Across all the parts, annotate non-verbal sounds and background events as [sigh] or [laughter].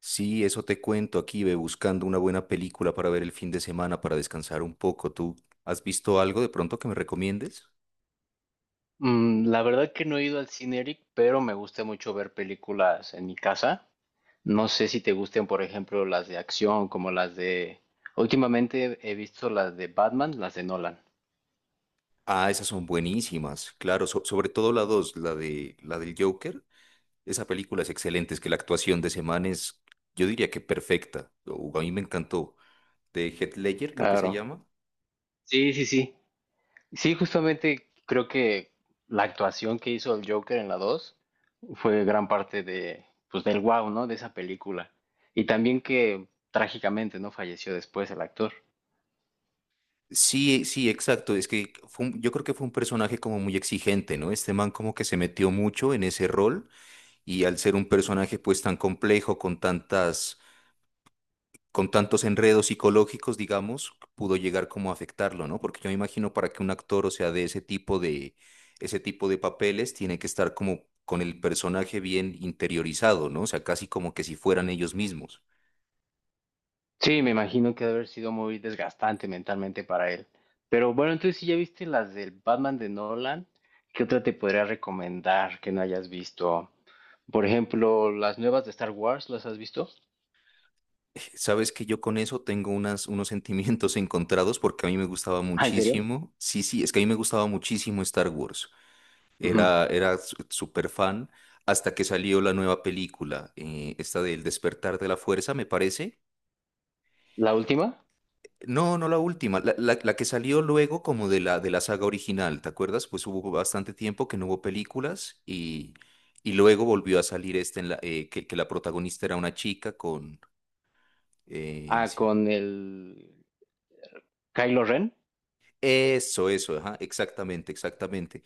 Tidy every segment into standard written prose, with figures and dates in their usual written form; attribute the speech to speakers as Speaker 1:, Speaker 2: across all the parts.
Speaker 1: Sí, eso te cuento aquí, ve buscando una buena película para ver el fin de semana, para descansar un poco. ¿Tú has visto algo de pronto que me recomiendes?
Speaker 2: La verdad que no he ido al cine, Eric, pero me gusta mucho ver películas en mi casa. No sé si te gusten, por ejemplo, las de acción, como las de... Últimamente he visto las de Batman, las de Nolan.
Speaker 1: Ah, esas son buenísimas, claro, sobre todo la dos, la de la del Joker. Esa película es excelente, es que la actuación de ese man es, yo diría que perfecta. A mí me encantó. De Heath Ledger, creo que se
Speaker 2: Claro.
Speaker 1: llama.
Speaker 2: Sí, sí, sí. Sí, justamente creo que la actuación que hizo el Joker en la 2 fue gran parte de, pues, del wow, ¿no? De esa película. Y también que trágicamente, ¿no? Falleció después el actor.
Speaker 1: Sí, sí, exacto. Es que yo creo que fue un personaje como muy exigente, ¿no? Este man como que se metió mucho en ese rol. Y al ser un personaje pues tan complejo, con tantos enredos psicológicos, digamos, pudo llegar como a afectarlo, ¿no? Porque yo me imagino para que un actor, o sea, ese tipo de papeles, tiene que estar como con el personaje bien interiorizado, ¿no? O sea, casi como que si fueran ellos mismos.
Speaker 2: Sí, me imagino que debe haber sido muy desgastante mentalmente para él. Pero bueno, entonces si ya viste las del Batman de Nolan, ¿qué otra te podría recomendar que no hayas visto? Por ejemplo, las nuevas de Star Wars, ¿las has visto?
Speaker 1: [laughs] Sabes que yo con eso tengo unos sentimientos [laughs] encontrados porque a mí me gustaba
Speaker 2: Ah, ¿en serio?
Speaker 1: muchísimo. Sí, sí, es que a mí me gustaba muchísimo Star Wars.
Speaker 2: Ujú.
Speaker 1: Era súper fan hasta que salió la nueva película, esta del Despertar de la Fuerza, me parece.
Speaker 2: ¿La última?
Speaker 1: No, no la última, la que salió luego como de de la saga original, ¿te acuerdas? Pues hubo bastante tiempo que no hubo películas y luego volvió a salir esta en la, que la protagonista era una chica con…
Speaker 2: Ah,
Speaker 1: sí.
Speaker 2: con el Kylo Ren.
Speaker 1: Eso, ajá, exactamente, exactamente.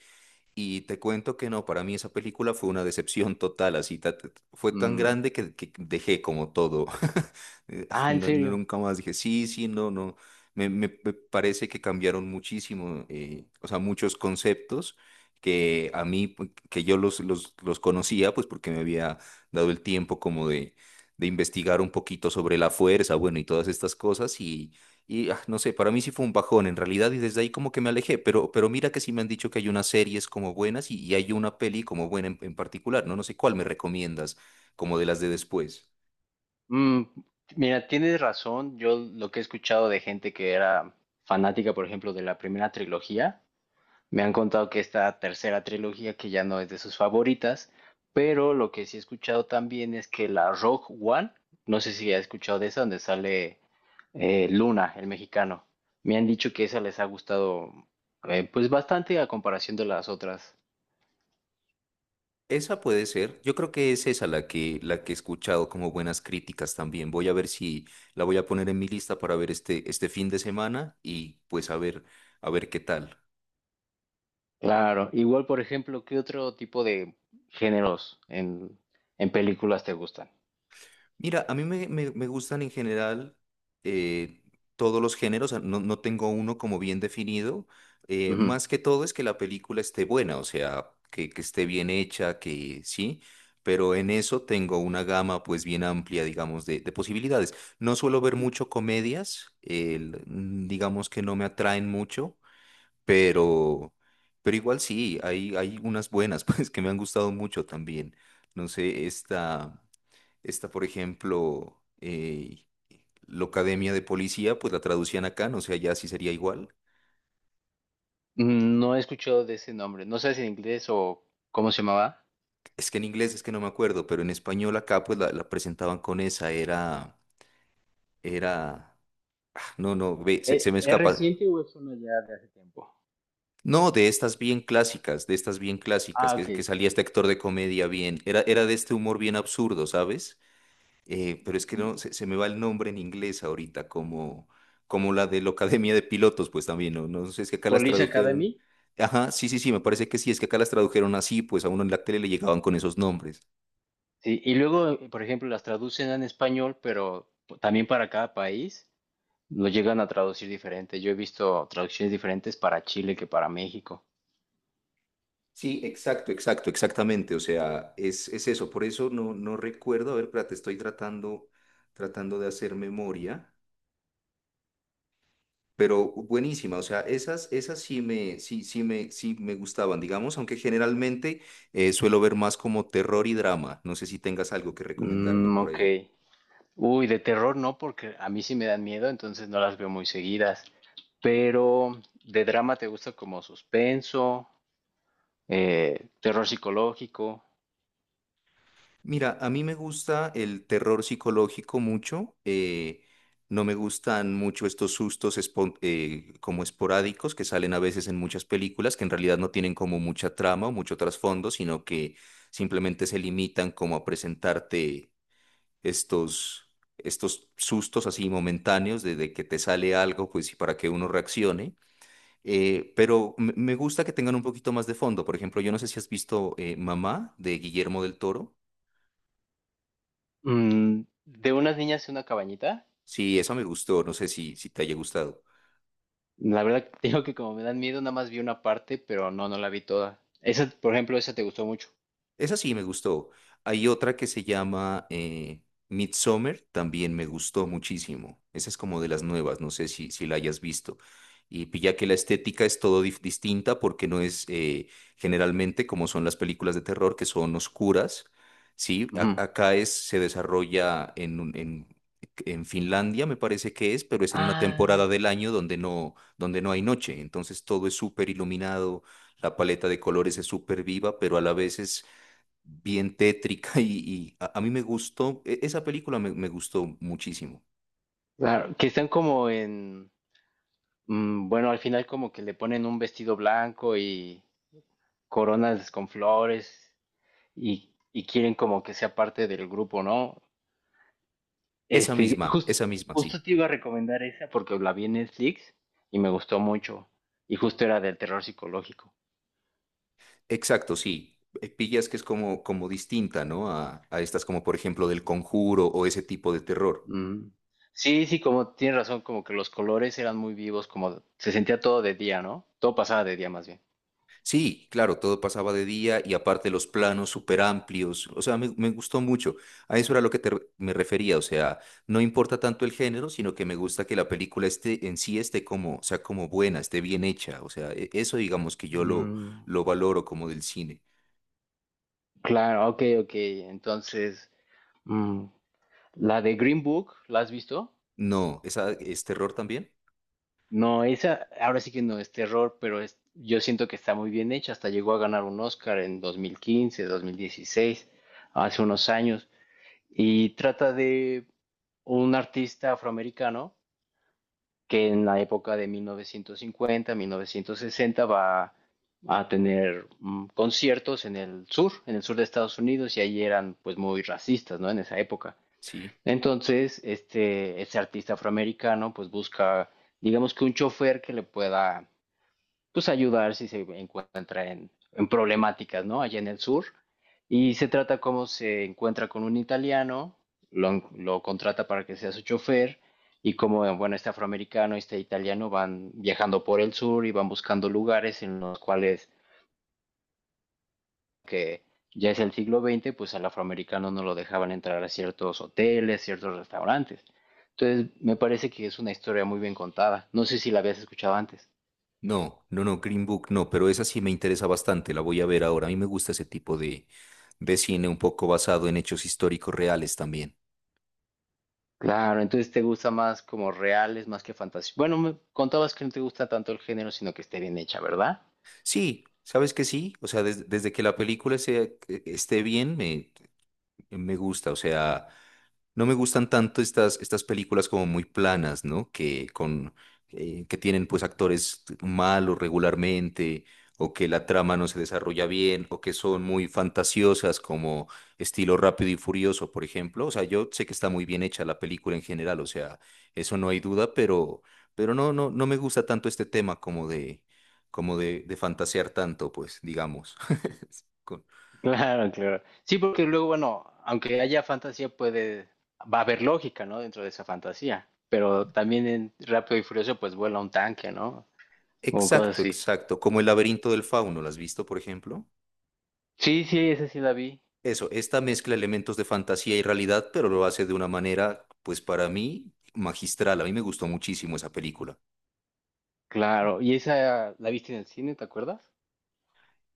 Speaker 1: Y te cuento que no, para mí esa película fue una decepción total, así fue tan
Speaker 2: Mm.
Speaker 1: grande que dejé como todo. [laughs]
Speaker 2: Ah, en serio.
Speaker 1: Nunca más dije, sí, sí, no, no. Me parece que cambiaron muchísimo, o sea, muchos conceptos que a mí, pues, que yo los conocía, pues porque me había dado el tiempo como de investigar un poquito sobre la fuerza, bueno, y todas estas cosas, no sé, para mí sí fue un bajón en realidad y desde ahí como que me alejé, pero mira que sí me han dicho que hay unas series como buenas y hay una peli como buena en particular, ¿no? No sé cuál me recomiendas, como de las de después.
Speaker 2: Mm, Mira, tienes razón. Yo lo que he escuchado de gente que era fanática, por ejemplo, de la primera trilogía, me han contado que esta tercera trilogía, que ya no es de sus favoritas, pero lo que sí he escuchado también es que la Rogue One, no sé si has escuchado de esa, donde sale Luna, el mexicano. Me han dicho que esa les ha gustado pues bastante a comparación de las otras.
Speaker 1: Esa puede ser, yo creo que es esa la que he escuchado como buenas críticas también. Voy a ver si la voy a poner en mi lista para ver este fin de semana y pues a ver qué tal.
Speaker 2: Claro, igual por ejemplo, ¿qué otro tipo de géneros en películas te gustan?
Speaker 1: Mira, a mí me gustan en general eh, todos los géneros, o sea, no, no tengo uno como bien definido.
Speaker 2: Ujú.
Speaker 1: Más que todo es que la película esté buena, o sea, que esté bien hecha, que sí, pero en eso tengo una gama pues bien amplia, digamos, de posibilidades. No suelo ver mucho comedias, digamos que no me atraen mucho, pero, pero igual sí, hay unas buenas [laughs] pues que me han gustado mucho también. No sé, esta… Está, por ejemplo, Locademia de Policía, pues la traducían acá, no sé, allá sí sería igual.
Speaker 2: No he escuchado de ese nombre, no sé si en inglés o cómo se llamaba.
Speaker 1: Es que en inglés es que no me acuerdo, pero en español acá pues la presentaban con esa, era, era, no, no, ve, se me
Speaker 2: ¿Es
Speaker 1: escapa.
Speaker 2: reciente o es uno ya de hace tiempo?
Speaker 1: No, de estas bien clásicas, de estas bien clásicas,
Speaker 2: Ah, ok.
Speaker 1: que salía este actor de comedia bien, era, era de este humor bien absurdo, ¿sabes? Pero es que no, se me va el nombre en inglés ahorita, como la de la Academia de Pilotos, pues también, no, no sé, es que acá las
Speaker 2: Police
Speaker 1: tradujeron.
Speaker 2: Academy.
Speaker 1: Ajá, sí, sí, sí, me parece que sí, es que acá las tradujeron así, pues a uno en la tele le llegaban con esos nombres.
Speaker 2: Sí, y luego, por ejemplo, las traducen en español, pero también para cada país lo llegan a traducir diferente. Yo he visto traducciones diferentes para Chile que para México.
Speaker 1: Sí, exacto, exacto, exactamente, o sea, es eso, por eso no, no recuerdo, a ver, espérate, tratando de hacer memoria. Pero buenísima, o sea, esas, sí me gustaban, digamos, aunque generalmente suelo ver más como terror y drama. No sé si tengas algo que recomendarme
Speaker 2: Mm,
Speaker 1: por
Speaker 2: ok.
Speaker 1: ahí.
Speaker 2: Uy, de terror no, porque a mí sí me dan miedo, entonces no las veo muy seguidas. Pero de drama te gusta como suspenso, terror psicológico.
Speaker 1: Mira, a mí me gusta el terror psicológico mucho. No me gustan mucho estos como esporádicos que salen a veces en muchas películas, que en realidad no tienen como mucha trama o mucho trasfondo, sino que simplemente se limitan como a presentarte. estos, estos sustos así momentáneos de que te sale algo, pues y para que uno reaccione. Pero me gusta que tengan un poquito más de fondo. Por ejemplo, yo no sé si has visto Mamá, de Guillermo del Toro.
Speaker 2: Mm, de unas niñas en una cabañita.
Speaker 1: Sí, esa me gustó. No sé si, si te haya gustado.
Speaker 2: La verdad, [laughs] te digo que como me dan miedo, nada más vi una parte, pero no, no la vi toda. Esa, por ejemplo, esa te gustó mucho.
Speaker 1: Esa sí me gustó. Hay otra que se llama Midsommar, también me gustó muchísimo. Esa es como de las nuevas, no sé si, si la hayas visto. Y pilla que la estética es todo distinta porque no es generalmente como son las películas de terror que son oscuras, ¿sí?
Speaker 2: Ujú.
Speaker 1: Acá es, se desarrolla en Finlandia, me parece que es, pero es en una
Speaker 2: Ah,
Speaker 1: temporada del año donde no hay noche. Entonces todo es súper iluminado, la paleta de colores es súper viva, pero a la vez es bien tétrica [laughs] y, a mí me gustó, esa película me gustó muchísimo.
Speaker 2: claro, que están como en, bueno, al final como que le ponen un vestido blanco y coronas con flores y quieren como que sea parte del grupo, ¿no? Este, jus-
Speaker 1: Esa misma,
Speaker 2: Justo
Speaker 1: sí.
Speaker 2: te iba a recomendar esa porque la vi en Netflix y me gustó mucho y justo era del terror psicológico.
Speaker 1: Exacto, sí. Pillas que es como, como distinta, ¿no? A estas como por ejemplo del Conjuro o ese tipo de terror.
Speaker 2: Mm. Sí, sí, como tienes razón, como que los colores eran muy vivos, como se sentía todo de día, ¿no? Todo pasaba de día más bien.
Speaker 1: Sí, claro, todo pasaba de día y aparte los planos súper amplios, o sea, me gustó mucho. A eso era lo que me refería, o sea, no importa tanto el género, sino que me gusta que la película esté en sí esté como, sea como buena, esté bien hecha, o sea, eso digamos que yo
Speaker 2: Mm,
Speaker 1: lo valoro como del cine.
Speaker 2: Claro, ok, ok. Entonces, mm, la de Green Book, ¿la has visto?
Speaker 1: No, ¿esa es terror también?
Speaker 2: No, esa ahora sí que no es terror, pero es, yo siento que está muy bien hecha. Hasta llegó a ganar un Oscar en 2015, 2016, hace unos años. Y trata de un artista afroamericano que en la época de 1950, 1960 va a tener conciertos en el sur de Estados Unidos, y ahí eran pues muy racistas, ¿no? En esa época.
Speaker 1: Sí.
Speaker 2: Entonces, este, ese artista afroamericano pues busca, digamos que un chofer que le pueda pues ayudar si se encuentra en problemáticas, ¿no? Allá en el sur. Y se trata cómo se encuentra con un italiano, lo contrata para que sea su chofer y como, bueno, este afroamericano y este italiano van viajando por el sur y van buscando lugares en los cuales que ya es el siglo XX, pues al afroamericano no lo dejaban entrar a ciertos hoteles, ciertos restaurantes. Entonces, me parece que es una historia muy bien contada. No sé si la habías escuchado antes.
Speaker 1: No, no, no, Green Book no, pero esa sí me interesa bastante, la voy a ver ahora. A mí me gusta ese tipo de cine un poco basado en hechos históricos reales también.
Speaker 2: Claro, entonces te gusta más como reales, más que fantasía. Bueno, me contabas que no te gusta tanto el género, sino que esté bien hecha, ¿verdad? [laughs]
Speaker 1: Sí, sabes que sí, o sea, desde que la película esté bien, me gusta, o sea, no me gustan tanto estas, estas películas como muy planas, ¿no? Que tienen pues actores malos regularmente, o que la trama no se desarrolla bien, o que son muy fantasiosas como estilo Rápido y Furioso, por ejemplo. O sea, yo sé que está muy bien hecha la película en general, o sea, eso no hay duda, pero no, no, no me gusta tanto este tema como de, de fantasear tanto, pues, digamos. [laughs] Con-
Speaker 2: Claro, claro. Sí, porque luego, bueno, aunque haya fantasía, puede, va a haber lógica, ¿no? Dentro de esa fantasía. Pero también en Rápido y Furioso, pues vuela un tanque, ¿no? O cosas
Speaker 1: Exacto,
Speaker 2: así.
Speaker 1: exacto. Como El laberinto del fauno, ¿las has visto, por ejemplo?
Speaker 2: Sí, sí, esa sí la vi.
Speaker 1: Eso, esta mezcla elementos de fantasía y realidad, pero lo hace de una manera, pues para mí, magistral. A mí me gustó muchísimo esa película.
Speaker 2: Claro. ¿Y esa la viste en el cine, te acuerdas?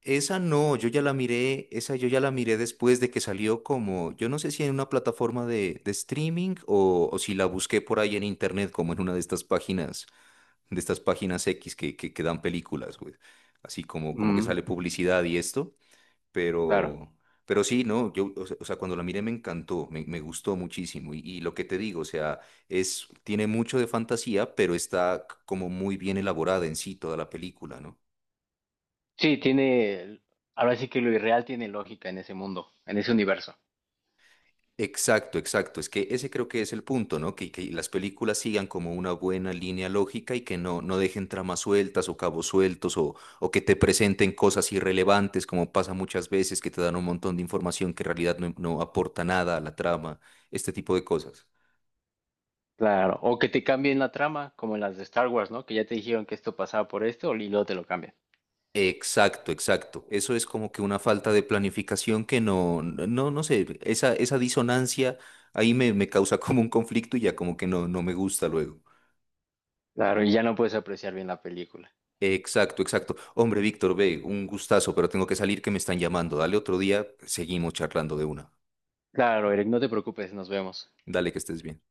Speaker 1: Esa no, yo ya la miré, esa yo ya la miré después de que salió como, yo no sé si en una plataforma de streaming o si la busqué por ahí en internet, como en una de estas páginas X que dan películas, güey. Así como, como que
Speaker 2: Mm,
Speaker 1: sale publicidad y esto.
Speaker 2: claro.
Speaker 1: Pero, pero sí, no, yo, o sea, cuando la miré me encantó, me gustó muchísimo. Y lo que te digo, o sea, es, tiene mucho de fantasía, pero está como muy bien elaborada en sí toda la película, ¿no?
Speaker 2: Sí, tiene, ahora sí que lo irreal tiene lógica en ese mundo, en ese universo.
Speaker 1: Exacto, exacto. Es que ese creo que es el punto, ¿no? Que las películas sigan como una buena línea lógica y que no, no dejen tramas sueltas o cabos sueltos o que te presenten cosas irrelevantes, como pasa muchas veces, que te dan un montón de información que en realidad no, no aporta nada a la trama, este tipo de cosas.
Speaker 2: Claro, o que te cambien la trama, como en las de Star Wars, ¿no? Que ya te dijeron que esto pasaba por esto y luego te lo cambian.
Speaker 1: Exacto, exacto. Eso es como que una falta de planificación que no, no sé, esa disonancia ahí me causa [laughs] como un conflicto y ya como que no, no me gusta luego.
Speaker 2: Claro, y ya no puedes apreciar bien la película.
Speaker 1: Exacto, exacto. Hombre, Víctor, ve, un gustazo, pero tengo que salir que me están llamando. Dale otro día, seguimos charlando de una.
Speaker 2: Claro, Eric, no te preocupes, nos vemos.
Speaker 1: Dale que estés bien.